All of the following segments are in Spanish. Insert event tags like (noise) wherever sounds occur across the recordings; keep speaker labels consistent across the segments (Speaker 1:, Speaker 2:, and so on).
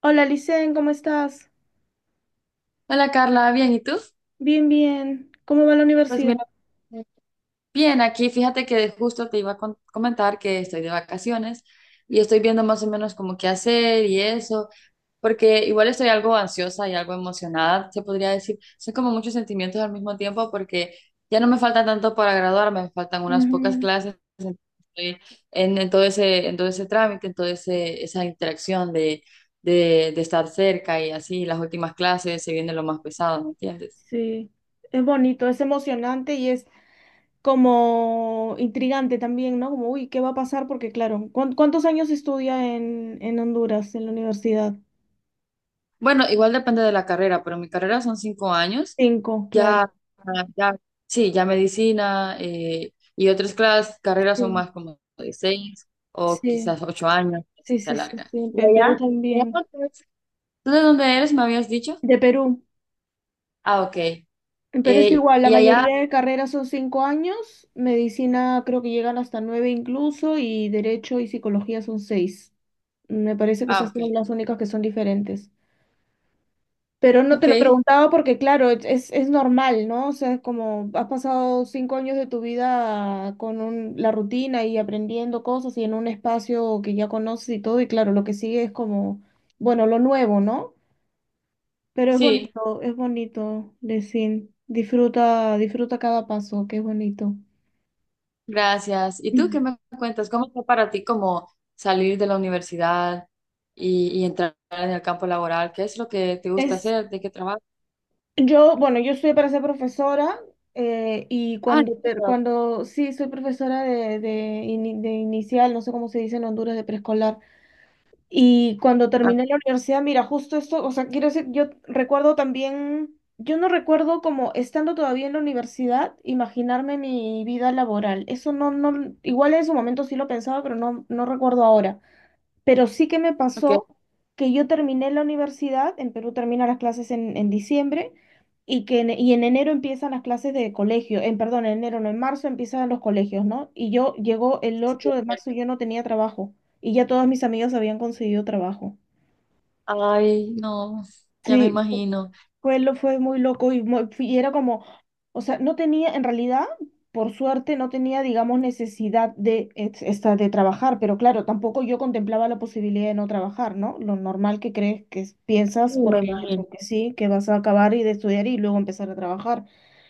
Speaker 1: Hola, Licen, ¿cómo estás?
Speaker 2: Hola Carla, bien, ¿y tú?
Speaker 1: Bien, bien. ¿Cómo va la
Speaker 2: Pues
Speaker 1: universidad?
Speaker 2: mira, bien, aquí fíjate que justo te iba a comentar que estoy de vacaciones y estoy viendo más o menos como qué hacer y eso, porque igual estoy algo ansiosa y algo emocionada, se podría decir. Son como muchos sentimientos al mismo tiempo porque ya no me falta tanto para graduarme, me faltan unas pocas
Speaker 1: Ujú.
Speaker 2: clases, entonces estoy en todo ese, en todo ese trámite, en toda esa interacción de estar cerca y así, las últimas clases se viene lo más pesado, ¿me entiendes?
Speaker 1: Sí, es bonito, es emocionante y es como intrigante también, ¿no? Como, uy, ¿qué va a pasar? Porque, claro, ¿cuántos años estudia en Honduras, en la universidad?
Speaker 2: Bueno, igual depende de la carrera, pero mi carrera son cinco años.
Speaker 1: Cinco, claro.
Speaker 2: Ya, ya, sí, ya medicina y otras clases, carreras son
Speaker 1: Sí,
Speaker 2: más como de seis o
Speaker 1: sí,
Speaker 2: quizás ocho años, así
Speaker 1: sí,
Speaker 2: se
Speaker 1: sí, sí,
Speaker 2: alarga.
Speaker 1: sí.
Speaker 2: ¿Y
Speaker 1: En Perú
Speaker 2: allá? ¿Allá
Speaker 1: también.
Speaker 2: por qué es? ¿Tú de dónde eres? ¿Me habías dicho?
Speaker 1: De Perú.
Speaker 2: Ah, ok.
Speaker 1: Pero es igual, la
Speaker 2: ¿Y allá?
Speaker 1: mayoría de carreras son 5 años. Medicina creo que llegan hasta nueve incluso, y derecho y psicología son seis. Me parece que
Speaker 2: Ah,
Speaker 1: esas
Speaker 2: ok.
Speaker 1: son las únicas que son diferentes. Pero no te
Speaker 2: Ok,
Speaker 1: lo preguntaba porque, claro, es normal, ¿no? O sea, es como has pasado 5 años de tu vida con la rutina y aprendiendo cosas y en un espacio que ya conoces y todo, y claro, lo que sigue es como, bueno, lo nuevo, ¿no? Pero
Speaker 2: sí,
Speaker 1: es bonito decir, disfruta, disfruta cada paso, que es bonito.
Speaker 2: gracias. ¿Y tú
Speaker 1: Mm.
Speaker 2: qué me cuentas? ¿Cómo fue para ti como salir de la universidad y entrar en el campo laboral? ¿Qué es lo que te gusta
Speaker 1: Es,
Speaker 2: hacer? ¿De qué trabajas?
Speaker 1: yo, bueno, yo estudié para ser profesora, y
Speaker 2: Ah, ¿en
Speaker 1: cuando, ter-
Speaker 2: serio?
Speaker 1: cuando sí, soy profesora de inicial, no sé cómo se dice en Honduras, de preescolar. Y cuando
Speaker 2: Ah,
Speaker 1: terminé la universidad, mira, justo esto, o sea, quiero decir, yo recuerdo también, yo no recuerdo como estando todavía en la universidad, imaginarme mi vida laboral. Eso no, no, igual en su momento sí lo pensaba, pero no, no recuerdo ahora. Pero sí que me
Speaker 2: ok.
Speaker 1: pasó que yo terminé la universidad, en Perú terminan las clases en diciembre, y en enero empiezan las clases de colegio, en perdón, en enero no, en marzo empiezan los colegios, ¿no? Y yo llegó el
Speaker 2: Sí,
Speaker 1: ocho de
Speaker 2: ok.
Speaker 1: marzo y yo no tenía trabajo y ya todas mis amigas habían conseguido trabajo.
Speaker 2: Ay, no, ya me
Speaker 1: Sí,
Speaker 2: imagino.
Speaker 1: fue muy loco y era como, o sea, no tenía, en realidad, por suerte, no tenía, digamos, necesidad de trabajar, pero claro, tampoco yo contemplaba la posibilidad de no trabajar, ¿no? Lo normal que crees que piensas,
Speaker 2: Me
Speaker 1: porque,
Speaker 2: imagino.
Speaker 1: porque sí, que vas a acabar y de estudiar y luego empezar a trabajar.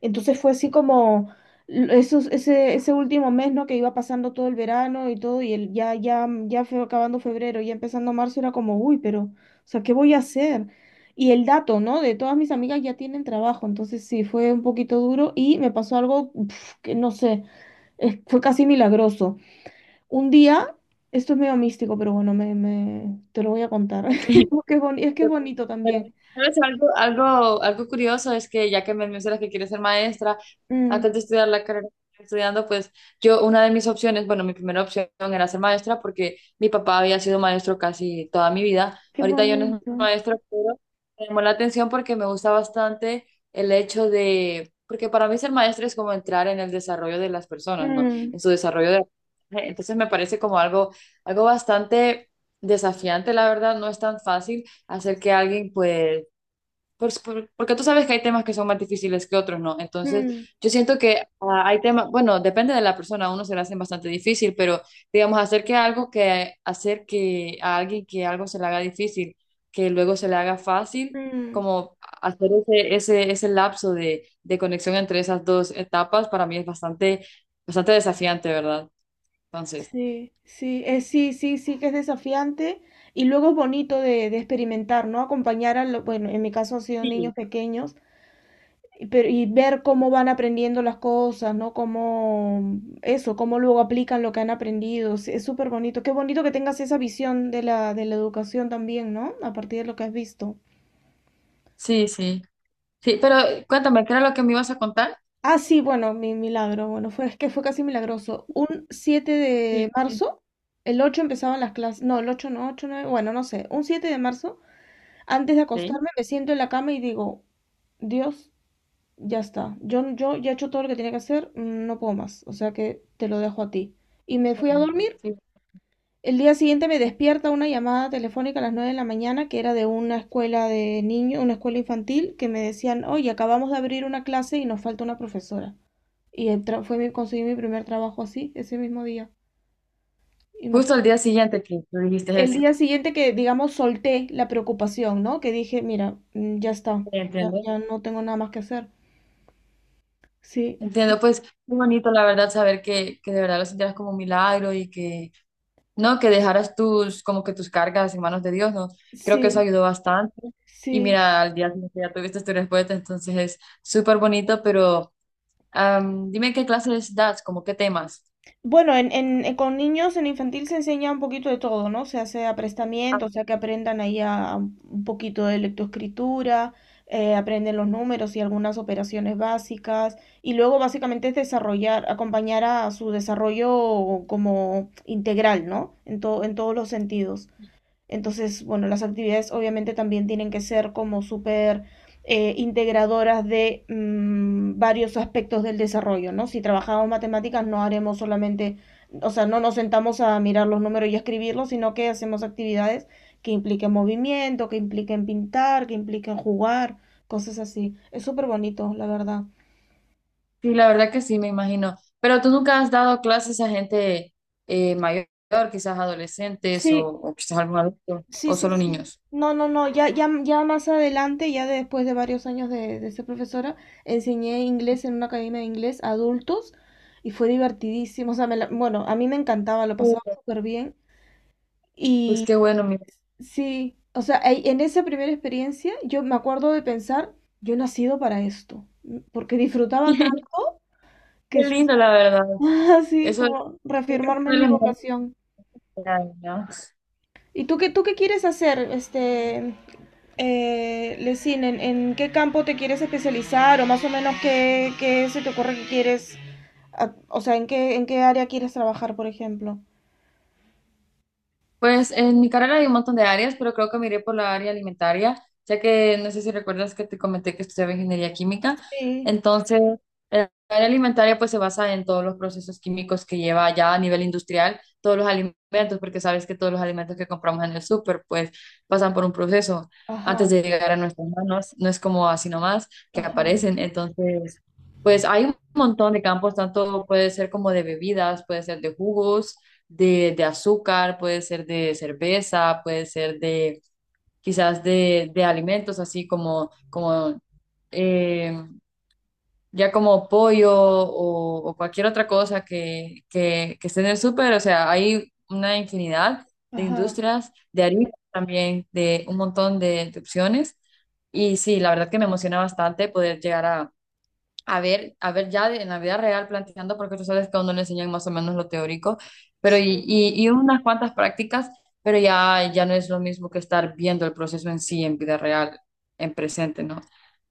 Speaker 1: Entonces fue así como ese último mes, ¿no? Que iba pasando todo el verano y todo, ya, ya, ya fue acabando febrero, ya empezando marzo, era como, uy, pero, o sea, ¿qué voy a hacer? Y el dato, ¿no? De todas mis amigas ya tienen trabajo, entonces sí, fue un poquito duro y me pasó algo que no sé, fue casi milagroso. Un día, esto es medio místico, pero bueno, te lo voy a contar.
Speaker 2: Ok.
Speaker 1: (laughs) Es que es bonito
Speaker 2: Pero,
Speaker 1: también.
Speaker 2: ¿sabes? Algo curioso es que ya que me mencionas que quieres ser maestra,
Speaker 1: Mm,
Speaker 2: antes de estudiar la carrera que estoy estudiando, pues yo, una de mis opciones, bueno, mi primera opción era ser maestra porque mi papá había sido maestro casi toda mi vida.
Speaker 1: qué
Speaker 2: Ahorita yo no soy
Speaker 1: bonito.
Speaker 2: maestra, pero me llamó la atención porque me gusta bastante el hecho de, porque para mí ser maestra es como entrar en el desarrollo de las personas, ¿no?
Speaker 1: Mm,
Speaker 2: En su desarrollo de... Entonces me parece como algo, algo bastante desafiante, la verdad, no es tan fácil hacer que alguien, pues, pues, porque tú sabes que hay temas que son más difíciles que otros, ¿no? Entonces,
Speaker 1: mm,
Speaker 2: yo siento que hay temas, bueno, depende de la persona, a uno se le hace bastante difícil, pero digamos, hacer que algo que, hacer que a alguien que algo se le haga difícil, que luego se le haga fácil,
Speaker 1: mm.
Speaker 2: como hacer ese lapso de conexión entre esas dos etapas, para mí es bastante, bastante desafiante, ¿verdad? Entonces,
Speaker 1: Sí, sí, sí, sí, sí, que es desafiante y luego es bonito de experimentar, ¿no? Acompañar a, bueno, en mi caso han sido niños
Speaker 2: sí,
Speaker 1: pequeños y ver cómo van aprendiendo las cosas, ¿no? Cómo eso, cómo luego aplican lo que han aprendido. Sí, es súper bonito. Qué bonito que tengas esa visión de la educación también, ¿no? A partir de lo que has visto.
Speaker 2: sí, sí, sí, pero cuéntame, ¿qué era lo que me ibas a contar?
Speaker 1: Ah, sí, bueno, mi milagro. Bueno, es que fue casi milagroso. Un siete
Speaker 2: Sí.
Speaker 1: de marzo, el 8 empezaban las clases. No, el 8 no, 8 9, bueno, no sé. Un 7 de marzo, antes de
Speaker 2: Ok.
Speaker 1: acostarme, me siento en la cama y digo, Dios. Ya está. Yo ya he hecho todo lo que tenía que hacer, no puedo más. O sea que te lo dejo a ti. Y me fui a dormir.
Speaker 2: Sí,
Speaker 1: El día siguiente me despierta una llamada telefónica a las 9 de la mañana que era de una escuela de niños, una escuela infantil, que me decían, oye, acabamos de abrir una clase y nos falta una profesora. Y el tra- fue mi, conseguí mi primer trabajo así, ese mismo día.
Speaker 2: justo al
Speaker 1: Imagínate.
Speaker 2: día siguiente que tú dijiste
Speaker 1: El
Speaker 2: eso.
Speaker 1: día siguiente que, digamos, solté la preocupación, ¿no? Que dije, mira, ya está,
Speaker 2: Sí,
Speaker 1: ya,
Speaker 2: entiendo.
Speaker 1: ya no tengo nada más que hacer. Sí, sí,
Speaker 2: Entiendo, pues muy bonito la verdad saber que de verdad lo sintieras como un milagro y que no, que dejaras tus, como que tus cargas en manos de Dios, ¿no? Creo que eso
Speaker 1: sí,
Speaker 2: ayudó bastante. Y
Speaker 1: sí.
Speaker 2: mira, al día siguiente ya tuviste tu respuesta, entonces es súper bonito, pero dime qué clases das, como qué temas.
Speaker 1: Bueno, con niños en infantil se enseña un poquito de todo, ¿no? Se hace aprestamiento, o sea, que aprendan ahí a un poquito de lectoescritura, aprenden los números y algunas operaciones básicas, y luego básicamente es desarrollar, acompañar a su desarrollo como integral, ¿no? En todos los sentidos. Entonces, bueno, las actividades obviamente también tienen que ser como súper integradoras de varios aspectos del desarrollo, ¿no? Si trabajamos matemáticas, no haremos solamente, o sea, no nos sentamos a mirar los números y a escribirlos, sino que hacemos actividades que impliquen movimiento, que impliquen pintar, que impliquen jugar, cosas así. Es súper bonito, la verdad.
Speaker 2: Sí, la verdad que sí, me imagino. Pero tú nunca has dado clases a gente mayor, quizás adolescentes
Speaker 1: Sí,
Speaker 2: o quizás algún adulto,
Speaker 1: sí,
Speaker 2: o
Speaker 1: sí,
Speaker 2: solo
Speaker 1: sí.
Speaker 2: niños.
Speaker 1: No, no, no, ya, ya, ya más adelante, ya después de varios años de ser profesora, enseñé inglés en una academia de inglés a adultos y fue divertidísimo. O sea, bueno, a mí me encantaba, lo pasaba
Speaker 2: Sí.
Speaker 1: súper bien.
Speaker 2: Pues
Speaker 1: Y
Speaker 2: qué bueno, mira.
Speaker 1: sí, o sea, en esa primera experiencia yo me acuerdo de pensar, yo he nacido para esto, porque disfrutaba
Speaker 2: (laughs)
Speaker 1: tanto que
Speaker 2: Qué
Speaker 1: sí.
Speaker 2: lindo, la verdad.
Speaker 1: (laughs) Así
Speaker 2: Eso es,
Speaker 1: como
Speaker 2: creo que es
Speaker 1: reafirmarme
Speaker 2: una
Speaker 1: en
Speaker 2: de
Speaker 1: mi
Speaker 2: las mejores
Speaker 1: vocación.
Speaker 2: actividades, ¿no?
Speaker 1: ¿Y tú qué, quieres hacer, Lesin? ¿En qué campo te quieres especializar o más o menos qué se te ocurre que quieres, ah, o sea, en qué área quieres trabajar, por ejemplo?
Speaker 2: Pues en mi carrera hay un montón de áreas, pero creo que me iré por la área alimentaria, ya que no sé si recuerdas que te comenté que estudiaba ingeniería química.
Speaker 1: Sí.
Speaker 2: Entonces, el área alimentaria pues se basa en todos los procesos químicos que lleva ya a nivel industrial, todos los alimentos, porque sabes que todos los alimentos que compramos en el súper pues pasan por un proceso antes de
Speaker 1: Ajá,
Speaker 2: llegar a nuestras manos, no es como así nomás que
Speaker 1: ajá,
Speaker 2: aparecen. Entonces, pues hay un montón de campos, tanto puede ser como de bebidas, puede ser de jugos, de azúcar, puede ser de cerveza, puede ser de quizás de alimentos así como, como eh, ya como pollo o cualquier otra cosa que, que esté en el súper. O sea, hay una infinidad de
Speaker 1: ajá.
Speaker 2: industrias, de harina también, de un montón de opciones. Y sí, la verdad que me emociona bastante poder llegar a ver ya en la vida real planteando, porque tú sabes que a uno le enseñan más o menos lo teórico, pero
Speaker 1: Sí.
Speaker 2: y unas cuantas prácticas, pero ya, ya no es lo mismo que estar viendo el proceso en sí, en vida real, en presente, ¿no?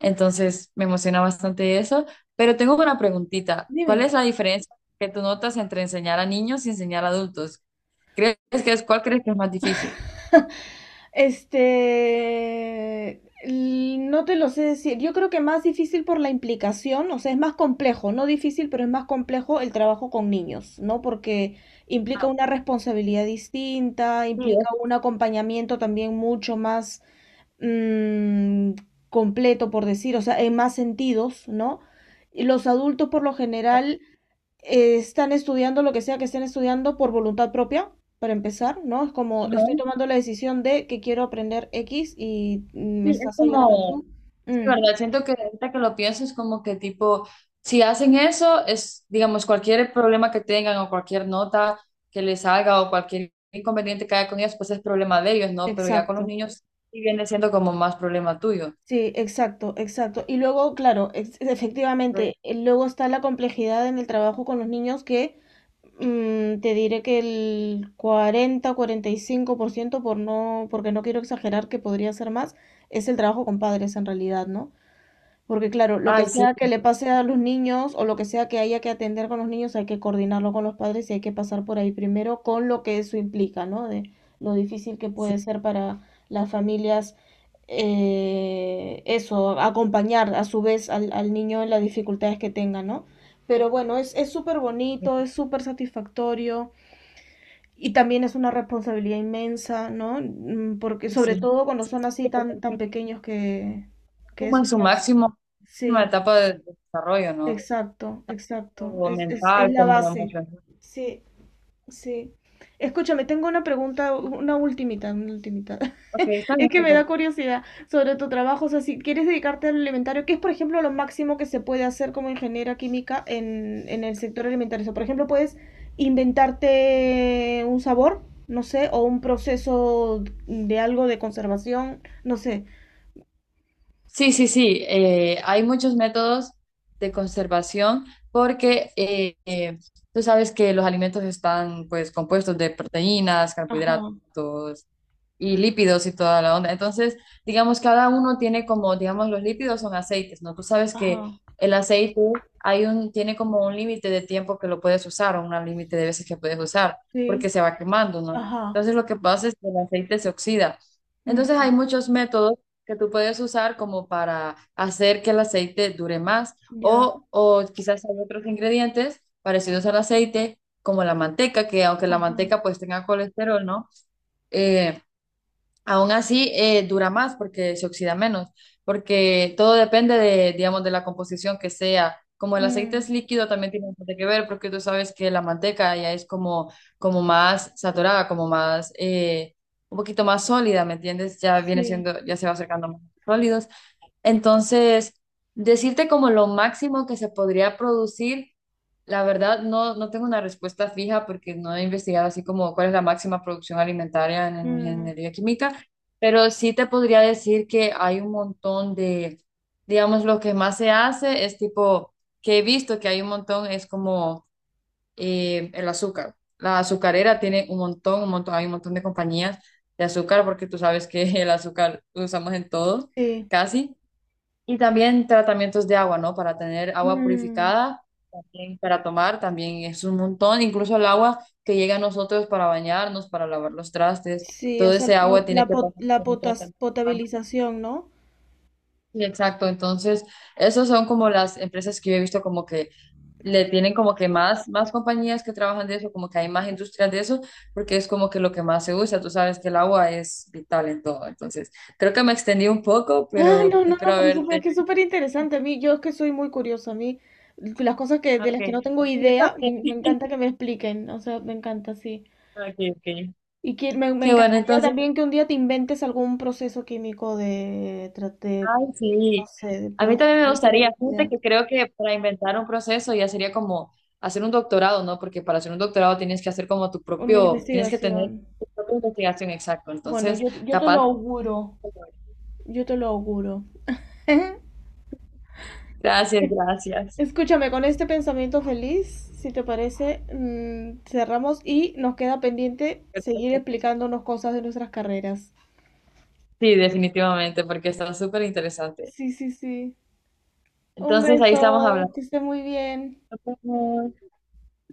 Speaker 2: Entonces me emociona bastante eso, pero tengo una preguntita. ¿Cuál
Speaker 1: Dime.
Speaker 2: es la diferencia que tú notas entre enseñar a niños y enseñar a adultos? ¿Crees que es, cuál crees que es más difícil?
Speaker 1: (laughs) No te lo sé decir. Yo creo que más difícil por la implicación, o sea, es más complejo, no difícil, pero es más complejo el trabajo con niños, ¿no? Porque implica una responsabilidad distinta,
Speaker 2: Sí,
Speaker 1: implica
Speaker 2: es,
Speaker 1: un acompañamiento también mucho más mm, completo, por decir, o sea, en más sentidos, ¿no? Y los adultos por lo general, están estudiando lo que sea que estén estudiando por voluntad propia, para empezar, ¿no? Es como
Speaker 2: ajá,
Speaker 1: estoy tomando la decisión de que quiero aprender X y me
Speaker 2: sí, es
Speaker 1: estás ayudando
Speaker 2: como
Speaker 1: tú.
Speaker 2: sí,
Speaker 1: Mm,
Speaker 2: ¿verdad? Siento que ahorita que lo pienso es como que tipo, si hacen eso, es, digamos, cualquier problema que tengan o cualquier nota que les salga o cualquier inconveniente que haya con ellos, pues es problema de ellos, ¿no? Pero ya con los
Speaker 1: exacto.
Speaker 2: niños sí viene siendo como más problema tuyo.
Speaker 1: Sí, exacto, exacto. Y luego, claro, efectivamente,
Speaker 2: Entonces,
Speaker 1: luego está la complejidad en el trabajo con los niños que te diré que el cuarenta, 45%, porque no quiero exagerar que podría ser más, es el trabajo con padres en realidad, ¿no? Porque claro, lo que
Speaker 2: ay, sí,
Speaker 1: sea que le pase a los niños o lo que sea que haya que atender con los niños, hay que coordinarlo con los padres y hay que pasar por ahí primero con lo que eso implica, ¿no? De lo difícil que
Speaker 2: sí,
Speaker 1: puede ser para las familias, eso, acompañar a su vez al, al niño en las dificultades que tenga, ¿no? Pero bueno, es súper bonito, es súper satisfactorio y también es una responsabilidad inmensa, ¿no? Porque sobre
Speaker 2: sí.
Speaker 1: todo cuando son así
Speaker 2: Sí, los
Speaker 1: tan, tan
Speaker 2: niños
Speaker 1: pequeños
Speaker 2: están
Speaker 1: que
Speaker 2: como
Speaker 1: eso
Speaker 2: en su
Speaker 1: está...
Speaker 2: máximo, máxima
Speaker 1: Sí.
Speaker 2: etapa de desarrollo, ¿no?
Speaker 1: Exacto, exacto.
Speaker 2: Tanto
Speaker 1: Es, es,
Speaker 2: mental
Speaker 1: es la
Speaker 2: como
Speaker 1: base.
Speaker 2: emocional.
Speaker 1: Sí, sí. Escúchame, tengo una pregunta, una ultimita, una ultimita. (laughs)
Speaker 2: Ok, está
Speaker 1: Es
Speaker 2: bien,
Speaker 1: que me da
Speaker 2: perfecto.
Speaker 1: curiosidad sobre tu trabajo. O sea, si quieres dedicarte al alimentario, ¿qué es, por ejemplo, lo máximo que se puede hacer como ingeniera química en el sector alimentario? O sea, por ejemplo, puedes inventarte un sabor, no sé, o un proceso de algo de conservación, no sé.
Speaker 2: Sí, sí, sí. Hay muchos métodos de conservación porque tú sabes que los alimentos están pues compuestos de proteínas,
Speaker 1: Ajá,
Speaker 2: carbohidratos, y lípidos y toda la onda. Entonces, digamos, cada uno tiene como, digamos, los lípidos son aceites, ¿no? Tú sabes que
Speaker 1: ajá,
Speaker 2: el aceite hay un, tiene como un límite de tiempo que lo puedes usar o un límite de veces que puedes usar,
Speaker 1: sí,
Speaker 2: porque se va quemando, ¿no?
Speaker 1: ajá,
Speaker 2: Entonces, lo que pasa es que el aceite se oxida. Entonces,
Speaker 1: ujú,
Speaker 2: hay muchos métodos que tú puedes usar como para hacer que el aceite dure más
Speaker 1: ya,
Speaker 2: o quizás hay otros ingredientes parecidos al aceite, como la manteca, que aunque la
Speaker 1: ajá.
Speaker 2: manteca pues tenga colesterol, ¿no? Eh, Aún así, dura más porque se oxida menos, porque todo depende de, digamos, de la composición que sea. Como el aceite es
Speaker 1: Mm,
Speaker 2: líquido, también tiene bastante que ver, porque tú sabes que la manteca ya es como, como más saturada, como más, un poquito más sólida, ¿me entiendes? Ya viene
Speaker 1: sí,
Speaker 2: siendo, ya se va acercando más sólidos, entonces, decirte como lo máximo que se podría producir, la verdad no, no tengo una respuesta fija porque no he investigado así como cuál es la máxima producción alimentaria en
Speaker 1: mm,
Speaker 2: ingeniería química, pero sí te podría decir que hay un montón de, digamos, lo que más se hace es tipo, que he visto que hay un montón, es como el azúcar. La azucarera tiene un montón, hay un montón de compañías de azúcar porque tú sabes que (laughs) el azúcar lo usamos en todo,
Speaker 1: sí,
Speaker 2: casi. Y también tratamientos de agua, ¿no? Para tener agua
Speaker 1: mm,
Speaker 2: purificada, también para tomar, también es un montón. Incluso el agua que llega a nosotros para bañarnos, para lavar los trastes,
Speaker 1: sí, o
Speaker 2: todo
Speaker 1: sea,
Speaker 2: ese
Speaker 1: la,
Speaker 2: agua tiene
Speaker 1: la,
Speaker 2: que pasar
Speaker 1: pot- la
Speaker 2: por un
Speaker 1: potas-
Speaker 2: tratamiento antes.
Speaker 1: potabilización, ¿no?
Speaker 2: Sí, exacto. Entonces, esos son como las empresas que yo he visto como que le tienen como que más, más compañías que trabajan de eso, como que hay más industrias de eso, porque es como que lo que más se usa. Tú sabes que el agua es vital en todo. Entonces, creo que me extendí un poco,
Speaker 1: Ah,
Speaker 2: pero
Speaker 1: no, no, no,
Speaker 2: espero
Speaker 1: pero eso fue
Speaker 2: haberte.
Speaker 1: que es súper interesante. A mí, yo es que soy muy curiosa. A mí, las cosas que, de las que
Speaker 2: Okay.
Speaker 1: no tengo
Speaker 2: Y yo
Speaker 1: idea, me
Speaker 2: también.
Speaker 1: encanta que me expliquen. O sea, me encanta, sí.
Speaker 2: Okay, okay.
Speaker 1: Y que, me
Speaker 2: Qué bueno,
Speaker 1: encantaría
Speaker 2: entonces,
Speaker 1: también que un día te inventes algún proceso químico de,
Speaker 2: ay,
Speaker 1: no
Speaker 2: sí.
Speaker 1: sé, de
Speaker 2: A mí también me
Speaker 1: procesamiento, lo que
Speaker 2: gustaría, fíjate
Speaker 1: sea.
Speaker 2: que creo que para inventar un proceso ya sería como hacer un doctorado, ¿no? Porque para hacer un doctorado tienes que hacer como tu
Speaker 1: Una
Speaker 2: propio, tienes que tener
Speaker 1: investigación.
Speaker 2: tu propia investigación, exacto.
Speaker 1: Bueno,
Speaker 2: Entonces,
Speaker 1: yo te lo
Speaker 2: capaz.
Speaker 1: auguro. Yo te lo auguro. (laughs)
Speaker 2: Gracias, gracias.
Speaker 1: Escúchame, con este pensamiento feliz, si te parece, cerramos y nos queda pendiente seguir
Speaker 2: Perfecto.
Speaker 1: explicándonos cosas de nuestras carreras.
Speaker 2: Sí, definitivamente, porque está súper interesante.
Speaker 1: Sí, sí, sí. Un
Speaker 2: Entonces, ahí estamos
Speaker 1: beso,
Speaker 2: hablando.
Speaker 1: que esté muy bien.